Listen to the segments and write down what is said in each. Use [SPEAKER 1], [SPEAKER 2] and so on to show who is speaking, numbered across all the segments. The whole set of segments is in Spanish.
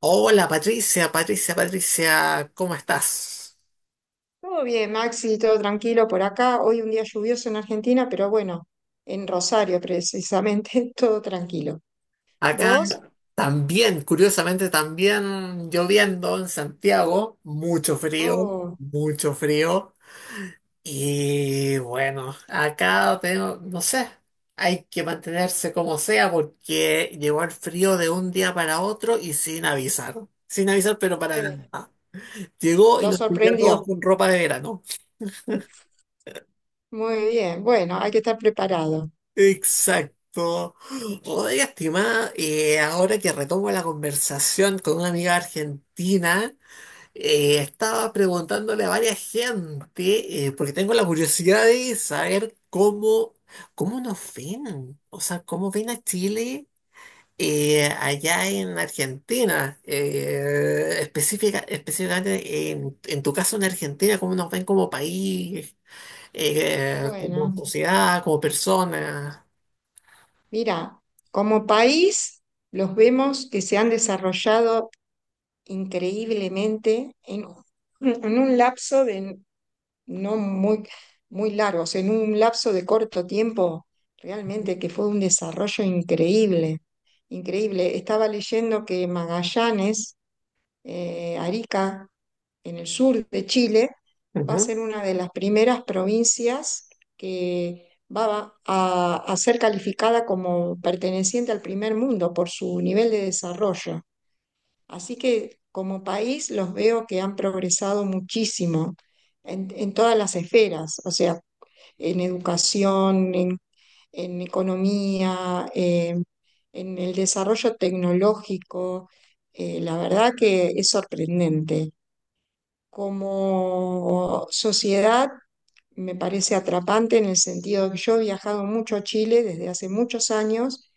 [SPEAKER 1] Hola Patricia, ¿cómo estás?
[SPEAKER 2] Todo bien, Maxi, todo tranquilo por acá. Hoy un día lluvioso en Argentina, pero bueno, en Rosario precisamente, todo tranquilo.
[SPEAKER 1] Acá
[SPEAKER 2] ¿Vos?
[SPEAKER 1] también, curiosamente, también lloviendo en Santiago, mucho frío,
[SPEAKER 2] Oh,
[SPEAKER 1] mucho frío. Y bueno, acá tengo, no sé, hay que mantenerse como sea porque llegó el frío de un día para otro y sin avisar, sin avisar, pero para
[SPEAKER 2] ay,
[SPEAKER 1] nada. Llegó y
[SPEAKER 2] lo
[SPEAKER 1] nos pilló a todos
[SPEAKER 2] sorprendió.
[SPEAKER 1] con ropa de verano.
[SPEAKER 2] Muy bien, bueno, hay que estar preparado.
[SPEAKER 1] Exacto. Oiga, estimada, ahora que retomo la conversación con una amiga argentina, estaba preguntándole a varias gente, porque tengo la curiosidad de saber cómo nos ven, o sea, cómo ven a Chile allá en Argentina, específicamente en tu caso en Argentina, cómo nos ven como país, como
[SPEAKER 2] Bueno,
[SPEAKER 1] sociedad, como personas.
[SPEAKER 2] mira, como país los vemos que se han desarrollado increíblemente en un lapso de no muy, muy largos, en un lapso de corto tiempo, realmente que fue un desarrollo increíble, increíble. Estaba leyendo que Magallanes, Arica, en el sur de Chile, va a
[SPEAKER 1] Ujú.
[SPEAKER 2] ser una de las primeras provincias que a ser calificada como perteneciente al primer mundo por su nivel de desarrollo. Así que como país los veo que han progresado muchísimo en todas las esferas, o sea, en educación, en economía, en el desarrollo tecnológico. La verdad que es sorprendente. Como sociedad, me parece atrapante en el sentido de que yo he viajado mucho a Chile desde hace muchos años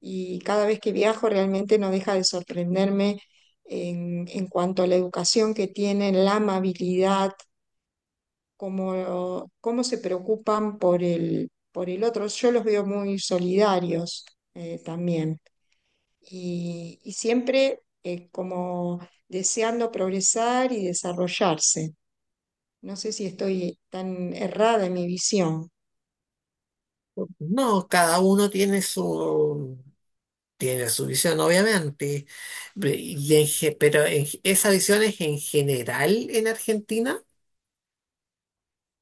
[SPEAKER 2] y cada vez que viajo realmente no deja de sorprenderme en cuanto a la educación que tienen, la amabilidad, cómo se preocupan por por el otro. Yo los veo muy solidarios también y siempre como deseando progresar y desarrollarse. No sé si estoy tan errada en mi visión.
[SPEAKER 1] No, cada uno tiene tiene su visión, obviamente. Pe- y en ge- pero en ge- Esa visión es en general en Argentina.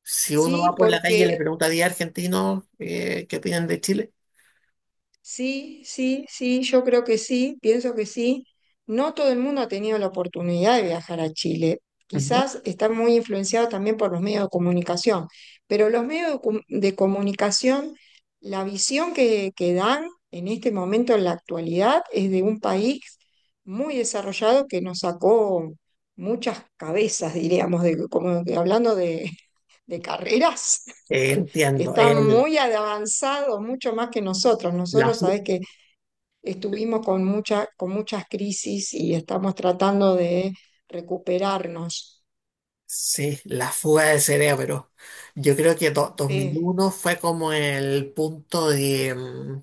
[SPEAKER 1] Si uno va
[SPEAKER 2] ¿Sí?
[SPEAKER 1] por la calle y le
[SPEAKER 2] Porque
[SPEAKER 1] pregunta a 10 argentinos qué opinan de Chile.
[SPEAKER 2] sí, sí, sí, yo creo que sí, pienso que sí. No todo el mundo ha tenido la oportunidad de viajar a Chile.
[SPEAKER 1] Ujú.
[SPEAKER 2] Quizás está muy influenciado también por los medios de comunicación, pero los medios de comunicación, la visión que dan en este momento, en la actualidad, es de un país muy desarrollado que nos sacó muchas cabezas, diríamos, de, como que hablando de carreras.
[SPEAKER 1] Entiendo,
[SPEAKER 2] Está
[SPEAKER 1] el,
[SPEAKER 2] muy avanzado, mucho más que nosotros.
[SPEAKER 1] la,
[SPEAKER 2] Nosotros,
[SPEAKER 1] fu-
[SPEAKER 2] sabes que estuvimos con mucha, con muchas crisis y estamos tratando de recuperarnos.
[SPEAKER 1] Sí, la fuga de cerebro. Yo creo que dos mil
[SPEAKER 2] Sí,
[SPEAKER 1] uno fue como el punto de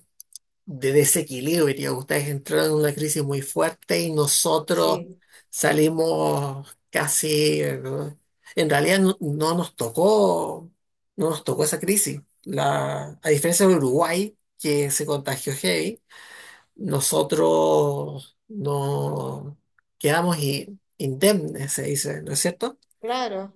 [SPEAKER 1] de desequilibrio. Ustedes entraron en una crisis muy fuerte y nosotros
[SPEAKER 2] sí,
[SPEAKER 1] salimos casi, ¿no? En realidad no nos tocó, no nos tocó esa crisis. A diferencia de Uruguay, que se contagió heavy, nosotros no quedamos indemnes, se dice, ¿no es cierto?
[SPEAKER 2] claro.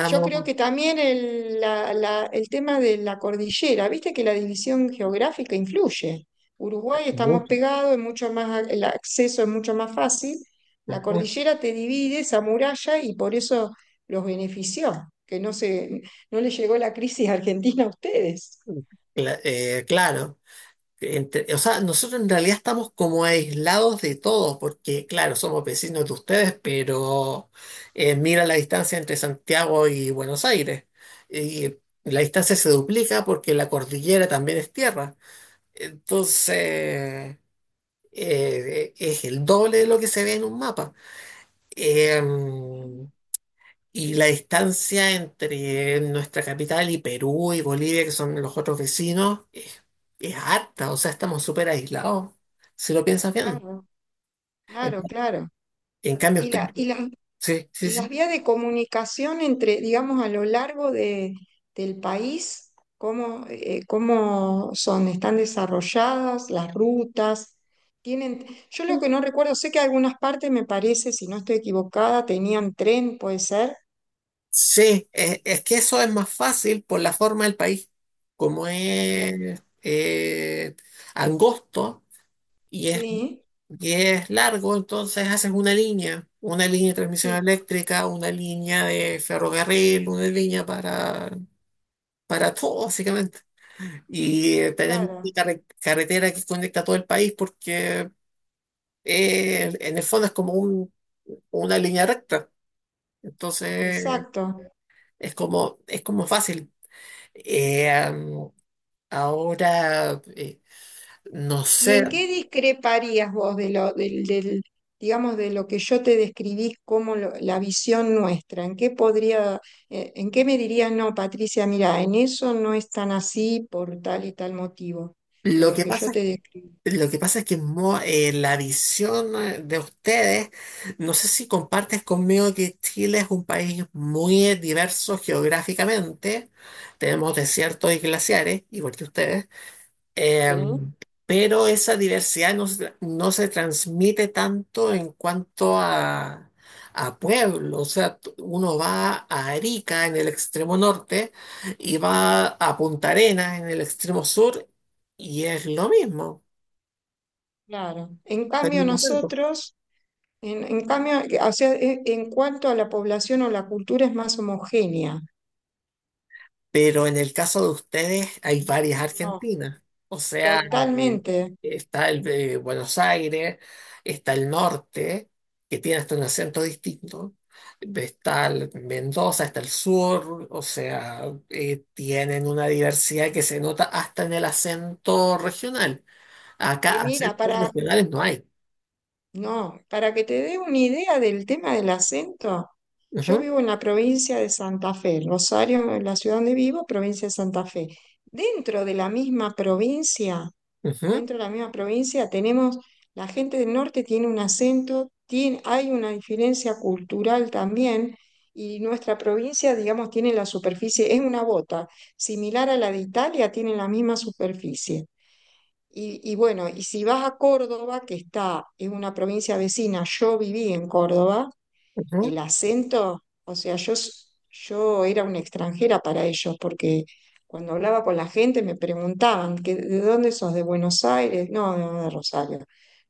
[SPEAKER 2] Yo creo que también el tema de la cordillera, viste que la división geográfica influye. Uruguay estamos
[SPEAKER 1] mucho.
[SPEAKER 2] pegados, es mucho más, el acceso es mucho más fácil. La
[SPEAKER 1] Ujú.
[SPEAKER 2] cordillera te divide esa muralla y por eso los benefició, que no se, no les llegó la crisis argentina a ustedes.
[SPEAKER 1] Claro. O sea, nosotros en realidad estamos como aislados de todos, porque claro, somos vecinos de ustedes, pero mira la distancia entre Santiago y Buenos Aires. Y la distancia se duplica porque la cordillera también es tierra. Entonces, eh, es el doble de lo que se ve en un mapa. Eh, y la distancia entre nuestra capital y Perú y Bolivia, que son los otros vecinos, es harta, o sea, estamos súper aislados, si lo piensas bien.
[SPEAKER 2] Claro,
[SPEAKER 1] En
[SPEAKER 2] claro, claro.
[SPEAKER 1] en cambio,
[SPEAKER 2] Y,
[SPEAKER 1] usted,
[SPEAKER 2] la, y, las,
[SPEAKER 1] sí, sí,
[SPEAKER 2] y las
[SPEAKER 1] sí.
[SPEAKER 2] vías de comunicación entre, digamos, a lo largo del país, ¿cómo, cómo son? ¿Están desarrolladas las rutas? Tienen, yo lo que no recuerdo, sé que algunas partes me parece, si no estoy equivocada, tenían tren, puede ser.
[SPEAKER 1] Sí, es que eso es más fácil por la forma del país, como
[SPEAKER 2] No.
[SPEAKER 1] es angosto y es,
[SPEAKER 2] Sí,
[SPEAKER 1] y es largo, entonces haces una línea de transmisión
[SPEAKER 2] sí,
[SPEAKER 1] eléctrica, una línea de ferrocarril, una línea para todo, básicamente. Y tenemos una
[SPEAKER 2] claro,
[SPEAKER 1] carretera que conecta todo el país porque en el fondo es como una línea recta. Entonces
[SPEAKER 2] exacto.
[SPEAKER 1] es como fácil. Eh, am, ahora, no
[SPEAKER 2] ¿Y
[SPEAKER 1] sé,
[SPEAKER 2] en qué discreparías vos de lo, del, del, digamos, de lo que yo te describí como lo- la visión nuestra? ¿En qué podría, en qué me dirías, no, Patricia, mira, en eso no es tan así por tal y tal motivo, de
[SPEAKER 1] lo
[SPEAKER 2] lo
[SPEAKER 1] que
[SPEAKER 2] que yo
[SPEAKER 1] pasa
[SPEAKER 2] te describí?
[SPEAKER 1] lo que pasa es que la visión de ustedes, no sé si compartes conmigo que Chile es un país muy diverso geográficamente, tenemos desiertos y glaciares, igual que ustedes,
[SPEAKER 2] Sí.
[SPEAKER 1] em, pero esa diversidad no se transmite tanto en cuanto a pueblo, o sea, uno va a Arica en el extremo norte y va a Punta Arenas en el extremo sur y es lo mismo.
[SPEAKER 2] Claro.
[SPEAKER 1] Está el mismo acento.
[SPEAKER 2] En cambio, o sea, e- en cuanto a la población o la cultura es más homogénea.
[SPEAKER 1] Pero en el caso de ustedes hay varias
[SPEAKER 2] No,
[SPEAKER 1] Argentinas. O sea, eh,
[SPEAKER 2] totalmente.
[SPEAKER 1] está el de Buenos Aires, está el norte, que tiene hasta un acento distinto. Está el Mendoza, está el sur, o sea, tienen una diversidad que se nota hasta en el acento regional. Acá
[SPEAKER 2] Mira,
[SPEAKER 1] acentos
[SPEAKER 2] para
[SPEAKER 1] regionales no hay.
[SPEAKER 2] No, para que te dé una idea del tema del acento, yo
[SPEAKER 1] Ujú,
[SPEAKER 2] vivo en la provincia de Santa Fe, Rosario, en la ciudad donde vivo, provincia de Santa Fe. Dentro de la misma provincia,
[SPEAKER 1] ujú,
[SPEAKER 2] Dentro de la misma provincia tenemos, la gente del norte tiene un acento, tiene, hay una diferencia cultural también, y nuestra provincia, digamos, tiene la superficie, es una bota, similar a la de Italia, tiene la misma superficie. Y bueno, y si vas a Córdoba, que está, es una provincia vecina, yo viví en Córdoba, el
[SPEAKER 1] ujú,
[SPEAKER 2] acento, o sea, yo era una extranjera para ellos, porque cuando hablaba con la gente me preguntaban, que, ¿de dónde sos? ¿De Buenos Aires? No, no, de Rosario.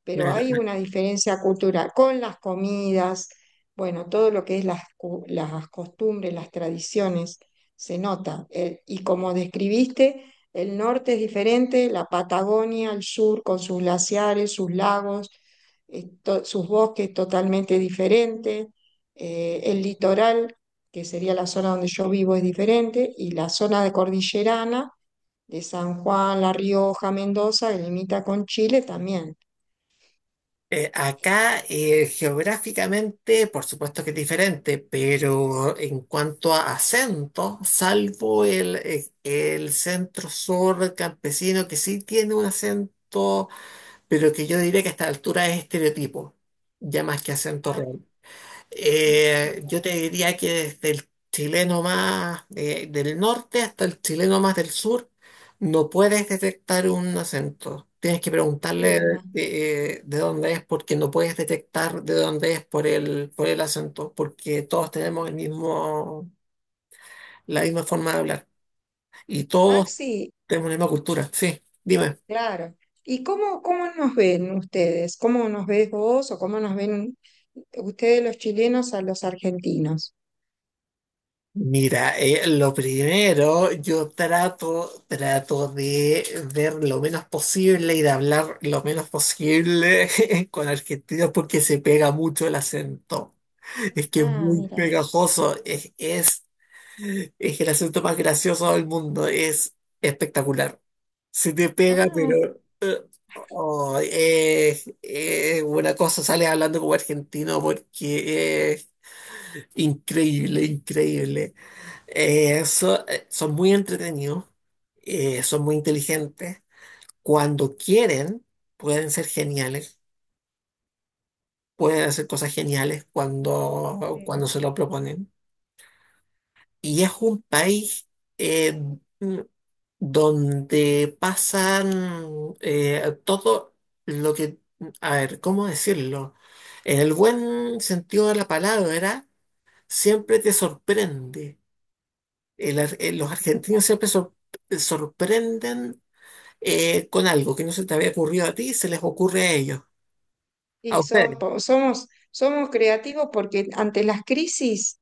[SPEAKER 2] Pero hay
[SPEAKER 1] claro.
[SPEAKER 2] una diferencia cultural con las comidas, bueno, todo lo que es las costumbres, las tradiciones, se nota. El- y como describiste, el norte es diferente, la Patagonia, el sur, con sus glaciares, sus lagos, sus bosques totalmente diferentes el litoral, que sería la zona donde yo vivo, es diferente, y la zona de cordillerana, de San Juan, La Rioja, Mendoza, que limita con Chile también.
[SPEAKER 1] Acá geográficamente, por supuesto que es diferente, pero en cuanto a acento, salvo el centro sur campesino que sí tiene un acento, pero que yo diría que a esta altura es estereotipo, ya más que acento
[SPEAKER 2] Ah,
[SPEAKER 1] real.
[SPEAKER 2] Mi-
[SPEAKER 1] Yo te diría que desde el chileno más del norte hasta el chileno más del sur, no puedes detectar un acento. Tienes que preguntarle
[SPEAKER 2] Mira,
[SPEAKER 1] de dónde es porque no puedes detectar de dónde es por el acento, porque todos tenemos el mismo, la misma forma de hablar y todos
[SPEAKER 2] Maxi,
[SPEAKER 1] tenemos la misma cultura. Sí, dime.
[SPEAKER 2] claro. ¿Y cómo, cómo nos ven ustedes? ¿Cómo nos ves vos o cómo nos ven ustedes los chilenos a los argentinos?
[SPEAKER 1] Mira, lo primero, yo trato de ver lo menos posible y de hablar lo menos posible con argentinos porque se pega mucho el acento. Es que es
[SPEAKER 2] Ah,
[SPEAKER 1] muy
[SPEAKER 2] mira.
[SPEAKER 1] pegajoso, es el acento más gracioso del mundo, es espectacular. Se te pega,
[SPEAKER 2] Ah,
[SPEAKER 1] pero oh, es una cosa, sales hablando como argentino porque es increíble, increíble. Son muy entretenidos, son muy inteligentes. Cuando quieren, pueden ser geniales, pueden hacer cosas geniales cuando, cuando
[SPEAKER 2] sí.
[SPEAKER 1] se lo proponen. Y es un país eh, mm, donde pasan todo lo que, a ver, ¿cómo decirlo? En el buen sentido de la palabra, siempre te sorprende. Los argentinos siempre sorprenden con algo que no se te había ocurrido a ti, se les ocurre a ellos, a
[SPEAKER 2] Y son,
[SPEAKER 1] ustedes.
[SPEAKER 2] somos, somos creativos porque ante las crisis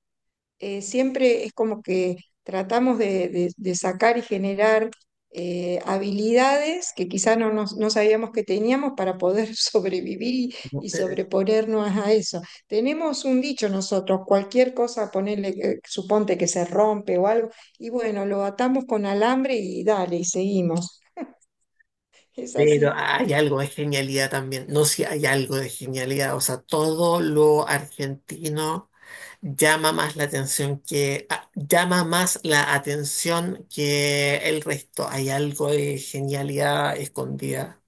[SPEAKER 2] siempre es como que tratamos de, de sacar y generar habilidades que quizá no sabíamos que teníamos para poder sobrevivir
[SPEAKER 1] ¿No?
[SPEAKER 2] y sobreponernos a eso. Tenemos un dicho nosotros, cualquier cosa, ponerle, suponte que se rompe o algo, y bueno, lo atamos con alambre y dale, y seguimos. Es
[SPEAKER 1] Pero
[SPEAKER 2] así.
[SPEAKER 1] hay algo de genialidad también, no si hay algo de genialidad, o sea, todo lo argentino llama más la atención que llama más la atención que el resto. Hay algo de genialidad escondida.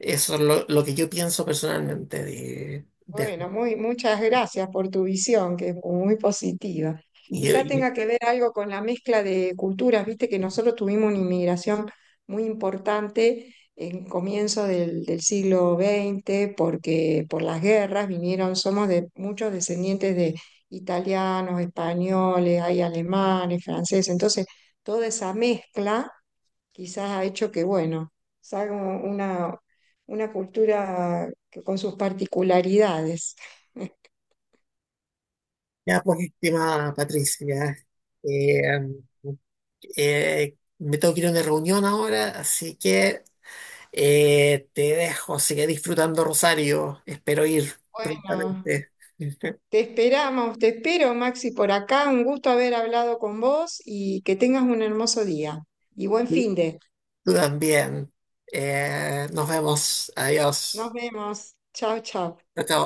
[SPEAKER 1] Eso es lo que yo pienso personalmente de-
[SPEAKER 2] Bueno, muchas gracias por tu visión, que es muy positiva.
[SPEAKER 1] y,
[SPEAKER 2] Quizá
[SPEAKER 1] y-
[SPEAKER 2] tenga que ver algo con la mezcla de culturas, viste que nosotros tuvimos una inmigración muy importante en comienzo del siglo XX, porque por las guerras vinieron, somos de muchos descendientes de italianos, españoles, hay alemanes, franceses, entonces toda esa mezcla quizás ha hecho que, bueno, salga una cultura que- con sus particularidades.
[SPEAKER 1] ya pues, estimada Patricia, eh, me tengo que ir a una reunión ahora, así que te dejo. Sigue disfrutando Rosario. Espero ir
[SPEAKER 2] No,
[SPEAKER 1] prontamente.
[SPEAKER 2] te esperamos, te espero, Maxi, por acá. Un gusto haber hablado con vos y que tengas un hermoso día. Y buen fin de.
[SPEAKER 1] Tú también. Nos vemos.
[SPEAKER 2] Nos
[SPEAKER 1] Adiós.
[SPEAKER 2] vemos. Chao, chao.
[SPEAKER 1] Chao, chao.